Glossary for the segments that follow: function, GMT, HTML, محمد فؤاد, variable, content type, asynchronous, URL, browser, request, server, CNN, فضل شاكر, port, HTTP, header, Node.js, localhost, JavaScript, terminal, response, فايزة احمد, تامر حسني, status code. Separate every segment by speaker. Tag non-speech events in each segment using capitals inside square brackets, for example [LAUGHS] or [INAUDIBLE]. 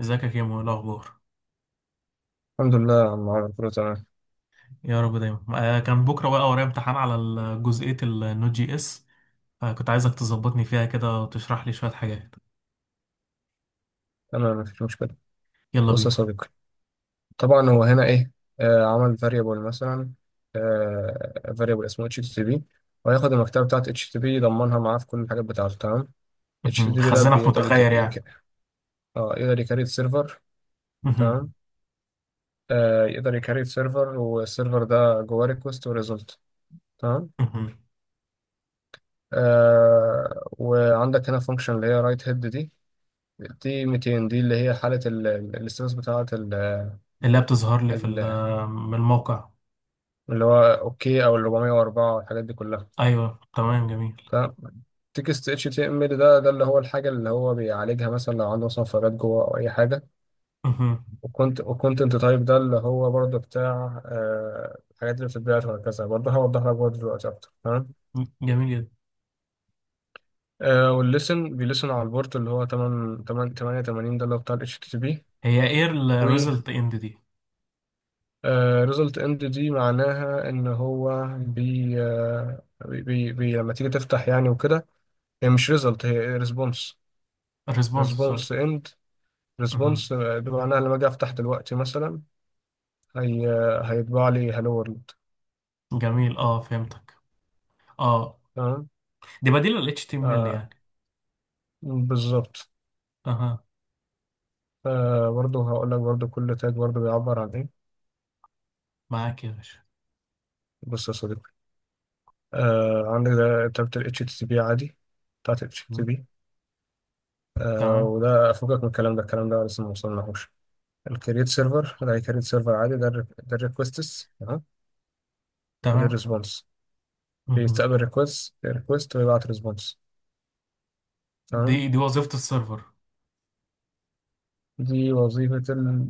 Speaker 1: ازيك يا كيمو؟ ايه الاخبار؟
Speaker 2: الحمد لله يا عم عمرو، كله تمام.
Speaker 1: يا رب دايما. كان بكره بقى ورايا امتحان على جزئيه النوت جي اس، فكنت عايزك تظبطني فيها كده وتشرح لي شويه حاجات.
Speaker 2: انا مفيش مشكله.
Speaker 1: يلا
Speaker 2: بص يا
Speaker 1: بينا.
Speaker 2: صديقي، طبعا هو هنا ايه؟ آه، عمل فاريبل مثلا، آه فاريبل اسمه اتش تي بي، وهياخد المكتبه بتاعت اتش تي بي يضمنها معاه في كل الحاجات بتاعته. تمام. اتش
Speaker 1: مهم،
Speaker 2: تي بي ده
Speaker 1: خزنه في
Speaker 2: بيقدر
Speaker 1: متغير يعني.
Speaker 2: اه يقدر يكريت سيرفر.
Speaker 1: مهم.
Speaker 2: تمام. آه، يقدر يكريت سيرفر، والسيرفر ده جواه ريكوست وريزلت. تمام.
Speaker 1: مهم.
Speaker 2: آه، وعندك هنا فانكشن اللي هي رايت هيد، دي 200 دي اللي هي حاله الاستاتس بتاعت
Speaker 1: اللي هي بتظهر لي في
Speaker 2: ال،
Speaker 1: من الموقع.
Speaker 2: اللي هو اوكي او ال 404 والحاجات دي كلها.
Speaker 1: ايوه تمام، جميل.
Speaker 2: تمام. تكست اتش تي ام ال ده، اللي هو الحاجه اللي هو بيعالجها، مثلا لو عنده مثلا فراغات جوه او اي حاجه.
Speaker 1: مهم.
Speaker 2: وكنت وكونتنت تايب ده اللي هو برضه بتاع الحاجات اللي بتتبعت وهكذا، برضه هوضح لك برضه دلوقتي اكتر. تمام.
Speaker 1: جميل جدا.
Speaker 2: آه، والليسن بيلسن على البورت اللي هو 8 8 88، ده اللي هو بتاع الاتش تي تي بي.
Speaker 1: هي ايه
Speaker 2: و
Speaker 1: الريزلت اند دي؟
Speaker 2: ريزلت اند دي معناها ان هو بي, آه بي, بي, بي لما تيجي تفتح يعني وكده. هي مش ريزلت، هي ريسبونس.
Speaker 1: الريسبونس، سوري.
Speaker 2: ريسبونس اند،
Speaker 1: مهم.
Speaker 2: ريسبونس بمعناها لما اجي افتح دلوقتي مثلا، هي هيطبع لي هالو وورلد.
Speaker 1: جميل، اه فهمتك. اه،
Speaker 2: تمام.
Speaker 1: دي بديل ال HTML
Speaker 2: آه،
Speaker 1: يعني.
Speaker 2: بالظبط.
Speaker 1: اها،
Speaker 2: آه، برضه هقول لك برضه كل تاج برضه بيعبر عن ايه.
Speaker 1: معاك يا باشا.
Speaker 2: بص يا صديقي، آه عندك ده تابة ال HTTP عادي، بتاعت ال
Speaker 1: مم.
Speaker 2: HTTP.
Speaker 1: تمام.
Speaker 2: وده فوقك من الكلام ده، الكلام ده لسه ما وصلناهوش. الكريت سيرفر ده كريت سيرفر عادي، ده ال، ده الريكوستس. تمام. وده
Speaker 1: تمام،
Speaker 2: الريسبونس. بيستقبل ريكوست ريكوست ويبعت ريسبونس. تمام.
Speaker 1: دي وظيفة السيرفر.
Speaker 2: دي وظيفة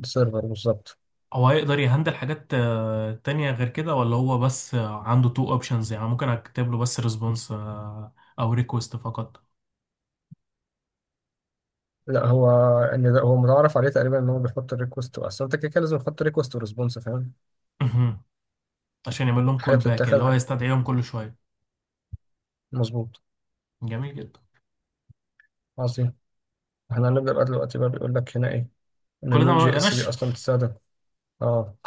Speaker 2: السيرفر بالظبط.
Speaker 1: هو هيقدر يهندل حاجات تانية غير كده، ولا هو بس عنده تو اوبشنز يعني؟ ممكن اكتب له بس ريسبونس او ريكوست فقط؟
Speaker 2: لا هو، ان ده هو متعارف عليه تقريبا ان هو بيحط الريكوست، اصل انت كده كده لازم تحط ريكوست وريسبونس، فاهم.
Speaker 1: مهم، عشان يعمل لهم
Speaker 2: حاجه
Speaker 1: كول باك اللي هو
Speaker 2: بتتاخد.
Speaker 1: يستدعيهم كل شوية.
Speaker 2: مظبوط.
Speaker 1: جميل جدا.
Speaker 2: عظيم. احنا هنبدا بقى دلوقتي بقى، بيقول لك هنا ايه ان
Speaker 1: كل ده
Speaker 2: النود
Speaker 1: ما
Speaker 2: جي اس دي
Speaker 1: بدناش.
Speaker 2: اصلا بتستخدم. اه.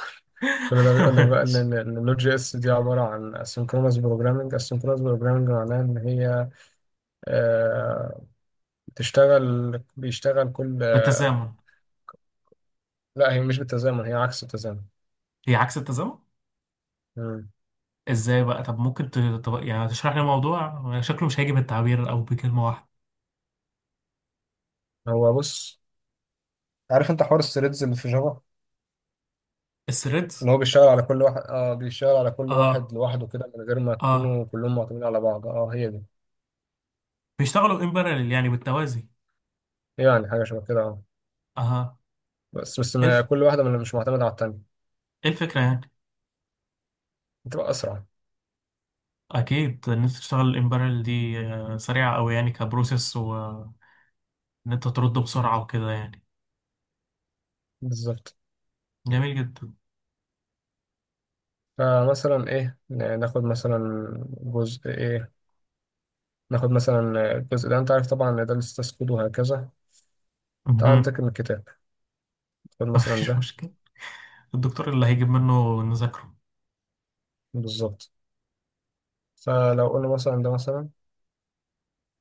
Speaker 2: كل ده بيقول لك بقى ان
Speaker 1: [LAUGHS]
Speaker 2: ال- إن النود جي اس دي عباره عن اسynchronous بروجرامنج. asynchronous بروجرامنج معناها ان هي، آه، بيشتغل كل، آه.
Speaker 1: بالتزامن.
Speaker 2: لا هي مش بالتزامن، هي عكس التزامن.
Speaker 1: هي عكس التزامن؟
Speaker 2: مم.
Speaker 1: ازاي بقى؟ طب ممكن طب يعني تشرح لي الموضوع؟ شكله مش هيجي بالتعبير او بكلمة واحدة.
Speaker 2: هو بص، عارف انت حوار الثريدز اللي في جافا؟
Speaker 1: الثريدز.
Speaker 2: ان هو بيشتغل على كل واحد، اه بيشتغل على كل واحد
Speaker 1: اه.
Speaker 2: لوحده كده، من غير ما
Speaker 1: اه،
Speaker 2: يكونوا كلهم معتمدين على بعض. اه، هي دي.
Speaker 1: بيشتغلوا ان باراليل يعني بالتوازي.
Speaker 2: يعني حاجه شبه كده، اه.
Speaker 1: اه.
Speaker 2: بس
Speaker 1: ايه
Speaker 2: ما
Speaker 1: الف...
Speaker 2: كل واحده من مش معتمده على التانيه،
Speaker 1: ايه الفكرة يعني؟
Speaker 2: بتبقى اسرع.
Speaker 1: اكيد، ان انت تشتغل الامبريال دي سريعه قوي يعني، كبروسيس، وان انت ترد بسرعه وكده يعني.
Speaker 2: بالظبط.
Speaker 1: جميل جدا.
Speaker 2: فمثلا ايه، ناخد مثلا جزء ايه، ناخد مثلا الجزء ده. انت عارف طبعا ان ده لسه تسكود وهكذا. تعال
Speaker 1: مهم.
Speaker 2: عندك من الكتاب، خد
Speaker 1: [LAUGHS]
Speaker 2: مثلا
Speaker 1: مفيش
Speaker 2: ده.
Speaker 1: مشكله، الدكتور اللي هيجيب منه نذاكره.
Speaker 2: بالظبط. فلو قلنا مثلا ده مثلا،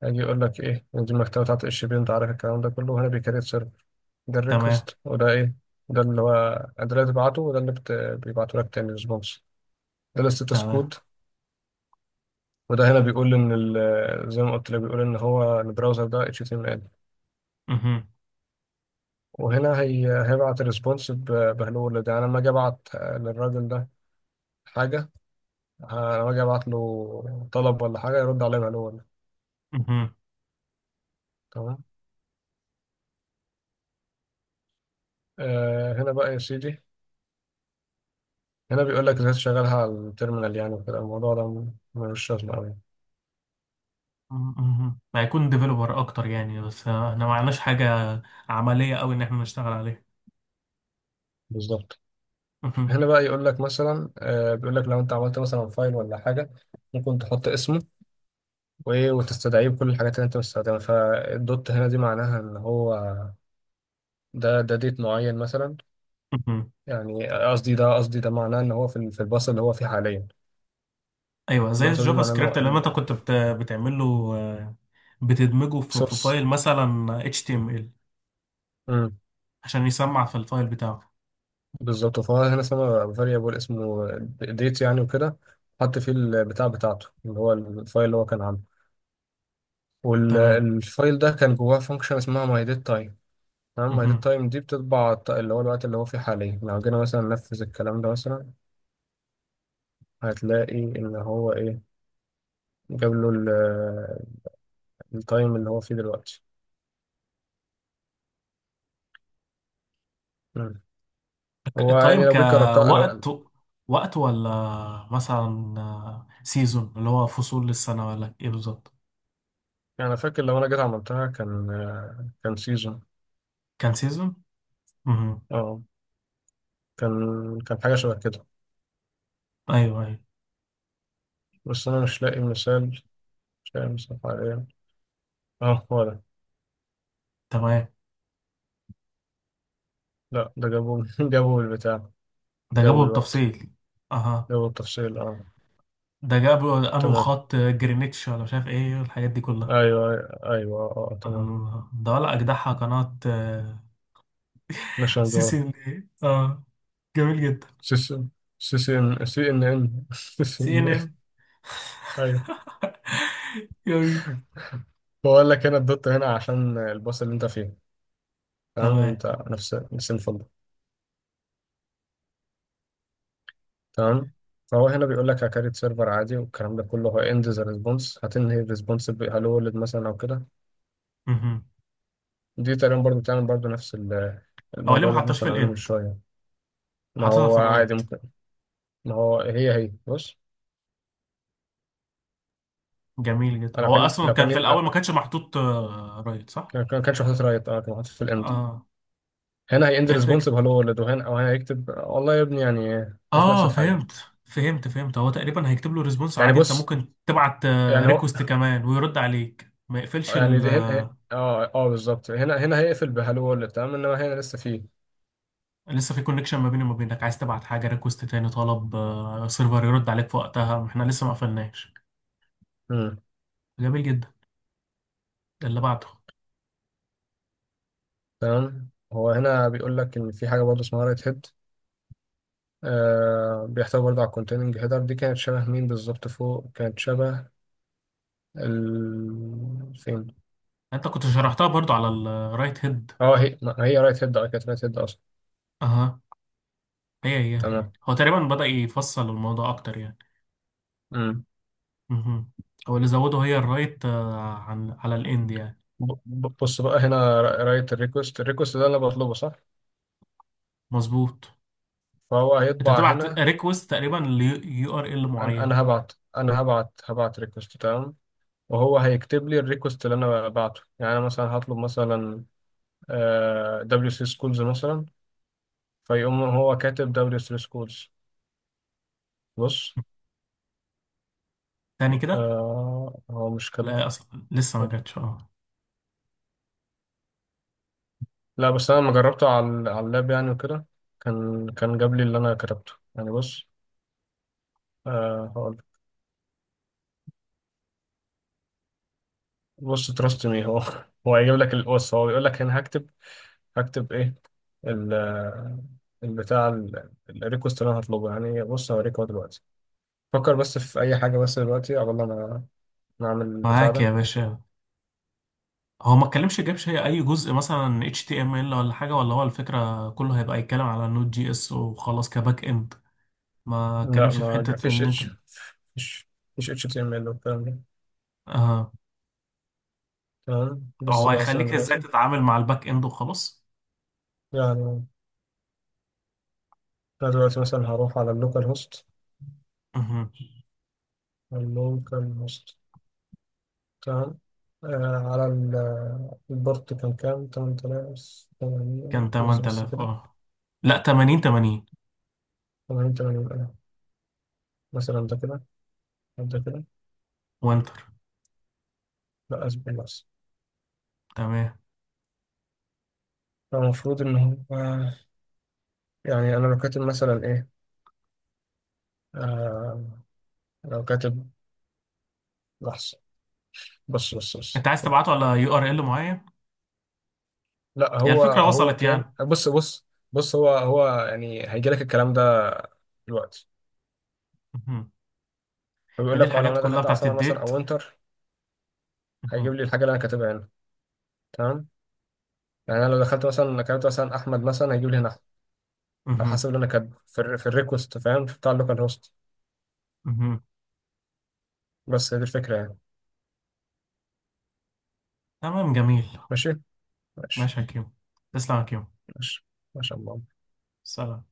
Speaker 2: هيجي يقول لك ايه، إن دي المكتبه بتاعت الشبيه، انت عارف الكلام ده كله، وهنا بيكريت. ده
Speaker 1: تمام.
Speaker 2: الريكوست وده ايه، ده اللي هو، ده اللي بتبعته، وده اللي بيبعته لك تاني ريسبونس. ده الستاتس
Speaker 1: تمام.
Speaker 2: كود. وده هنا بيقول ان زي ما قلت لك، بيقول ان هو البراوزر ده HTML.
Speaker 1: مهم.
Speaker 2: وهنا هيبعت الريسبونس بهلو. ده انا لما اجي ابعت للراجل ده حاجه، لما اجي ابعت له طلب ولا حاجه يرد عليه بهلو ولا.
Speaker 1: مهم.
Speaker 2: تمام. آه هنا بقى يا سيدي، هنا بيقول لك ازاي تشغلها على التيرمينال يعني وكده. الموضوع ده ملوش لازمه قوي.
Speaker 1: مهم، هيكون ديفلوبر اكتر يعني، بس احنا ما عندناش حاجه عمليه قوي ان احنا نشتغل عليها.
Speaker 2: بالظبط.
Speaker 1: مهم.
Speaker 2: هنا بقى يقول لك مثلا، آه، بيقول لك لو انت عملت مثلا فايل ولا حاجه، ممكن تحط اسمه وايه وتستدعيه بكل الحاجات اللي انت مستخدمها. فالدوت هنا دي معناها ان هو، ده ديت معين مثلا.
Speaker 1: مهم.
Speaker 2: يعني قصدي ده معناه ان هو في في الباص اللي هو فيه حاليا.
Speaker 1: ايوه، زي
Speaker 2: النقطه دي
Speaker 1: الجافا
Speaker 2: معناها ان
Speaker 1: سكريبت اللي
Speaker 2: هو
Speaker 1: انت كنت بتعمله. آه، بتدمجه في
Speaker 2: سورس.
Speaker 1: فايل مثلا HTML عشان يسمع في الفايل بتاعه.
Speaker 2: بالظبط. فهو هنا اسمه فاريبل، اسمه ديت يعني وكده. حط فيه البتاع بتاعته اللي هو الفايل اللي هو كان عامله.
Speaker 1: تمام.
Speaker 2: والفايل ده كان جواه فانكشن اسمها my date. تمام. ميت
Speaker 1: مهم.
Speaker 2: التايم دي بتطبع اللي هو الوقت اللي هو فيه حاليا. لو جينا مثلا ننفذ الكلام ده مثلا، هتلاقي ان هو ايه، جاب له التايم اللي هو فيه دلوقتي. مم. هو يعني
Speaker 1: تايم
Speaker 2: لو جيت جربتها لو يعني،
Speaker 1: كوقت؟ وقت ولا مثلا سيزون اللي هو فصول للسنة ولا ايه بالظبط؟
Speaker 2: أنا فاكر لو انا جيت عملتها كان، كان سيزون.
Speaker 1: كان سيزون. امم.
Speaker 2: اه، كان حاجه شبه كده.
Speaker 1: ايوه ايوه.
Speaker 2: بس انا مش لاقي مثال، مش لاقي مثال حاليا. اه هو ده.
Speaker 1: تمام.
Speaker 2: لا ده جابوا [LAUGHS] جابوا البتاع،
Speaker 1: ده جابه
Speaker 2: جابوا الوقت،
Speaker 1: بالتفصيل. اها.
Speaker 2: جابوا التفصيل [LAUGHS] اه.
Speaker 1: ده جابه انه
Speaker 2: تمام،
Speaker 1: خط جرينتش ولا مش عارف ايه الحاجات دي كلها.
Speaker 2: ايوه، ايوه، اه، تمام.
Speaker 1: آه، ده ولا اجدعها قناة. [LAUGHS]
Speaker 2: نشان.
Speaker 1: سي سي ان ايه؟ [LAUGHS] اه، جميل جدا.
Speaker 2: سيس، ان سي ان ان [LAUGHS] سيس
Speaker 1: سي ان
Speaker 2: ان
Speaker 1: ان.
Speaker 2: ان. ايوه.
Speaker 1: [LAUGHS] جميل.
Speaker 2: بقول لك هنا الدوت هنا عشان الباص اللي انت فيه. تمام،
Speaker 1: تمام.
Speaker 2: انت نفس الفندق. تمام. فهو هنا بيقول لك هكريت سيرفر عادي والكلام ده كله، هو اند ذا ريسبونس. هتنهي الريسبونس هلو ولد مثلا او كده.
Speaker 1: مهم.
Speaker 2: دي تقريبا برضو بتعمل برضو نفس
Speaker 1: هو ليه
Speaker 2: الموضوع
Speaker 1: ما
Speaker 2: اللي احنا
Speaker 1: حطوش في
Speaker 2: كنا عاملينه من
Speaker 1: الاند؟
Speaker 2: شويه. ما
Speaker 1: حطيتها في
Speaker 2: هو عادي
Speaker 1: الرايت.
Speaker 2: ممكن، ما هو هي بص.
Speaker 1: جميل جدا. هو اصلا
Speaker 2: لو
Speaker 1: كان
Speaker 2: كان،
Speaker 1: في الاول ما
Speaker 2: لا
Speaker 1: كانش محطوط رايت، صح؟
Speaker 2: كانش محطوط رايت، اه كان محطوط في الاند.
Speaker 1: اه.
Speaker 2: هنا هيند
Speaker 1: ايه
Speaker 2: ريسبونس
Speaker 1: الفكره؟
Speaker 2: بهلو ولد، وهنا او هنا يكتب والله يا ابني يعني، بس نفس
Speaker 1: اه،
Speaker 2: الحاجة.
Speaker 1: فهمت فهمت فهمت. هو تقريبا هيكتب له ريسبونس
Speaker 2: يعني
Speaker 1: عادي، انت
Speaker 2: بص،
Speaker 1: ممكن تبعت
Speaker 2: يعني هو،
Speaker 1: ريكوست كمان ويرد عليك، ما يقفلش
Speaker 2: يعني
Speaker 1: ال.
Speaker 2: دي هنا اه اه بالظبط. هنا هيقفل بهالو وورلد، تمام. انما هنا لسه فيه.
Speaker 1: لسه في كونكشن ما بيني وما بينك، عايز تبعت حاجه ريكوست تاني طلب سيرفر يرد عليك في وقتها، احنا لسه ما قفلناش.
Speaker 2: امم.
Speaker 1: جميل جدا. ده اللي بعده.
Speaker 2: تمام، هو هنا بيقول لك ان في حاجه برضه اسمها رايت هيد، آه بيحتوي برضه على الكونتيننج هيدر. دي كانت شبه مين بالظبط؟ فوق كانت شبه، ال فين.
Speaker 1: انت كنت شرحتها برضو على الرايت هيد.
Speaker 2: اه، هي ما هي رايت هيد، اه كانت رايت هيد اصلا.
Speaker 1: اها. هي
Speaker 2: تمام.
Speaker 1: هو تقريبا بدأ يفصل الموضوع اكتر يعني.
Speaker 2: امم.
Speaker 1: مهم. هو اللي زوده هي الرايت عن على الاند يعني.
Speaker 2: بص بقى، هنا رايت الريكوست، الريكوست ده اللي انا بطلبه، صح؟
Speaker 1: مظبوط.
Speaker 2: فهو
Speaker 1: انت
Speaker 2: هيطبع
Speaker 1: بتبعت
Speaker 2: هنا.
Speaker 1: ريكوست تقريبا ليو ار ال
Speaker 2: انا
Speaker 1: معين.
Speaker 2: أنا هبعت انا هبعت ريكوست، تمام. وهو هيكتب لي الريكوست اللي انا بعته يعني. انا مثلا هطلب مثلا دبليو سي سكولز مثلا، فيقوم هو كاتب دبليو سي سكولز. بص،
Speaker 1: تاني كده؟
Speaker 2: آه، هو مش كاتب.
Speaker 1: لا، اصلا لسه ما جاتش. اه.
Speaker 2: لا، بس انا لما جربته على اللاب يعني وكده، كان جاب لي اللي انا كتبته يعني. بص، آه هقول، بص تراست مي هو [LAUGHS] هو هيجيب لك بص هو بيقول لك هنا هكتب، هكتب ايه، ال، البتاع الريكوست اللي انا هطلبه يعني. بص هوريك اهو دلوقتي. فكر بس في اي حاجه بس دلوقتي قبل ما نعمل البتاع
Speaker 1: معاك
Speaker 2: ده.
Speaker 1: يا باشا. هو ما اتكلمش، جابش هي اي جزء مثلا اتش تي ام ال ولا حاجه، ولا هو الفكره كله هيبقى يتكلم على نود جي اس وخلاص، كباك اند؟ ما
Speaker 2: لا
Speaker 1: اتكلمش في
Speaker 2: ما جا-
Speaker 1: حته ان انت.
Speaker 2: فيش فيش اتش تي ام ال والكلام ده.
Speaker 1: اه.
Speaker 2: تمام. بص
Speaker 1: هو
Speaker 2: بقى مثلا
Speaker 1: هيخليك ازاي
Speaker 2: دلوقتي،
Speaker 1: تتعامل مع الباك اند وخلاص.
Speaker 2: يعني انا دلوقتي مثلا هروح على اللوكال هوست.
Speaker 1: مهم.
Speaker 2: اللوكال هوست، تمام. آه على البورت، كان كام، 8080.
Speaker 1: كان
Speaker 2: لحظة بس
Speaker 1: 8000،
Speaker 2: كده.
Speaker 1: اه لا، 80 80.
Speaker 2: 8080، مثلا ده كده، أو ده كده.
Speaker 1: وانتر.
Speaker 2: لا اصبر بس.
Speaker 1: تمام.
Speaker 2: فالمفروض ان هو، يعني انا لو كاتب مثلا ايه، آه، لو كاتب، لحظة، بص بص.
Speaker 1: انت عايز تبعته على يو ار ال معين؟
Speaker 2: لا
Speaker 1: هي
Speaker 2: هو
Speaker 1: الفكره وصلت
Speaker 2: كان،
Speaker 1: يعني.
Speaker 2: بص بص، هو يعني هيجي لك الكلام ده دلوقتي.
Speaker 1: مهم.
Speaker 2: فبيقول
Speaker 1: هذه
Speaker 2: لك اه، لو
Speaker 1: الحاجات
Speaker 2: انا
Speaker 1: كلها
Speaker 2: دخلت على
Speaker 1: بتاعت
Speaker 2: سمر مثلا
Speaker 1: الديت.
Speaker 2: او وينتر، هيجيب
Speaker 1: مهم.
Speaker 2: لي الحاجه اللي انا كاتبها هنا. تمام. يعني انا لو دخلت مثلا كتبت مثلا احمد مثلا، هيجيب لي هنا أحمد، على
Speaker 1: مهم.
Speaker 2: حسب اللي انا كاتبه في في الريكوست، فاهم، في بتاع اللوكال هوست.
Speaker 1: مهم.
Speaker 2: بس هي دي الفكره يعني.
Speaker 1: تمام، جميل.
Speaker 2: ماشي، ماشي
Speaker 1: ماشي يا كيمو. تسلم يا كيمو.
Speaker 2: ماشي. ما شاء الله.
Speaker 1: سلام.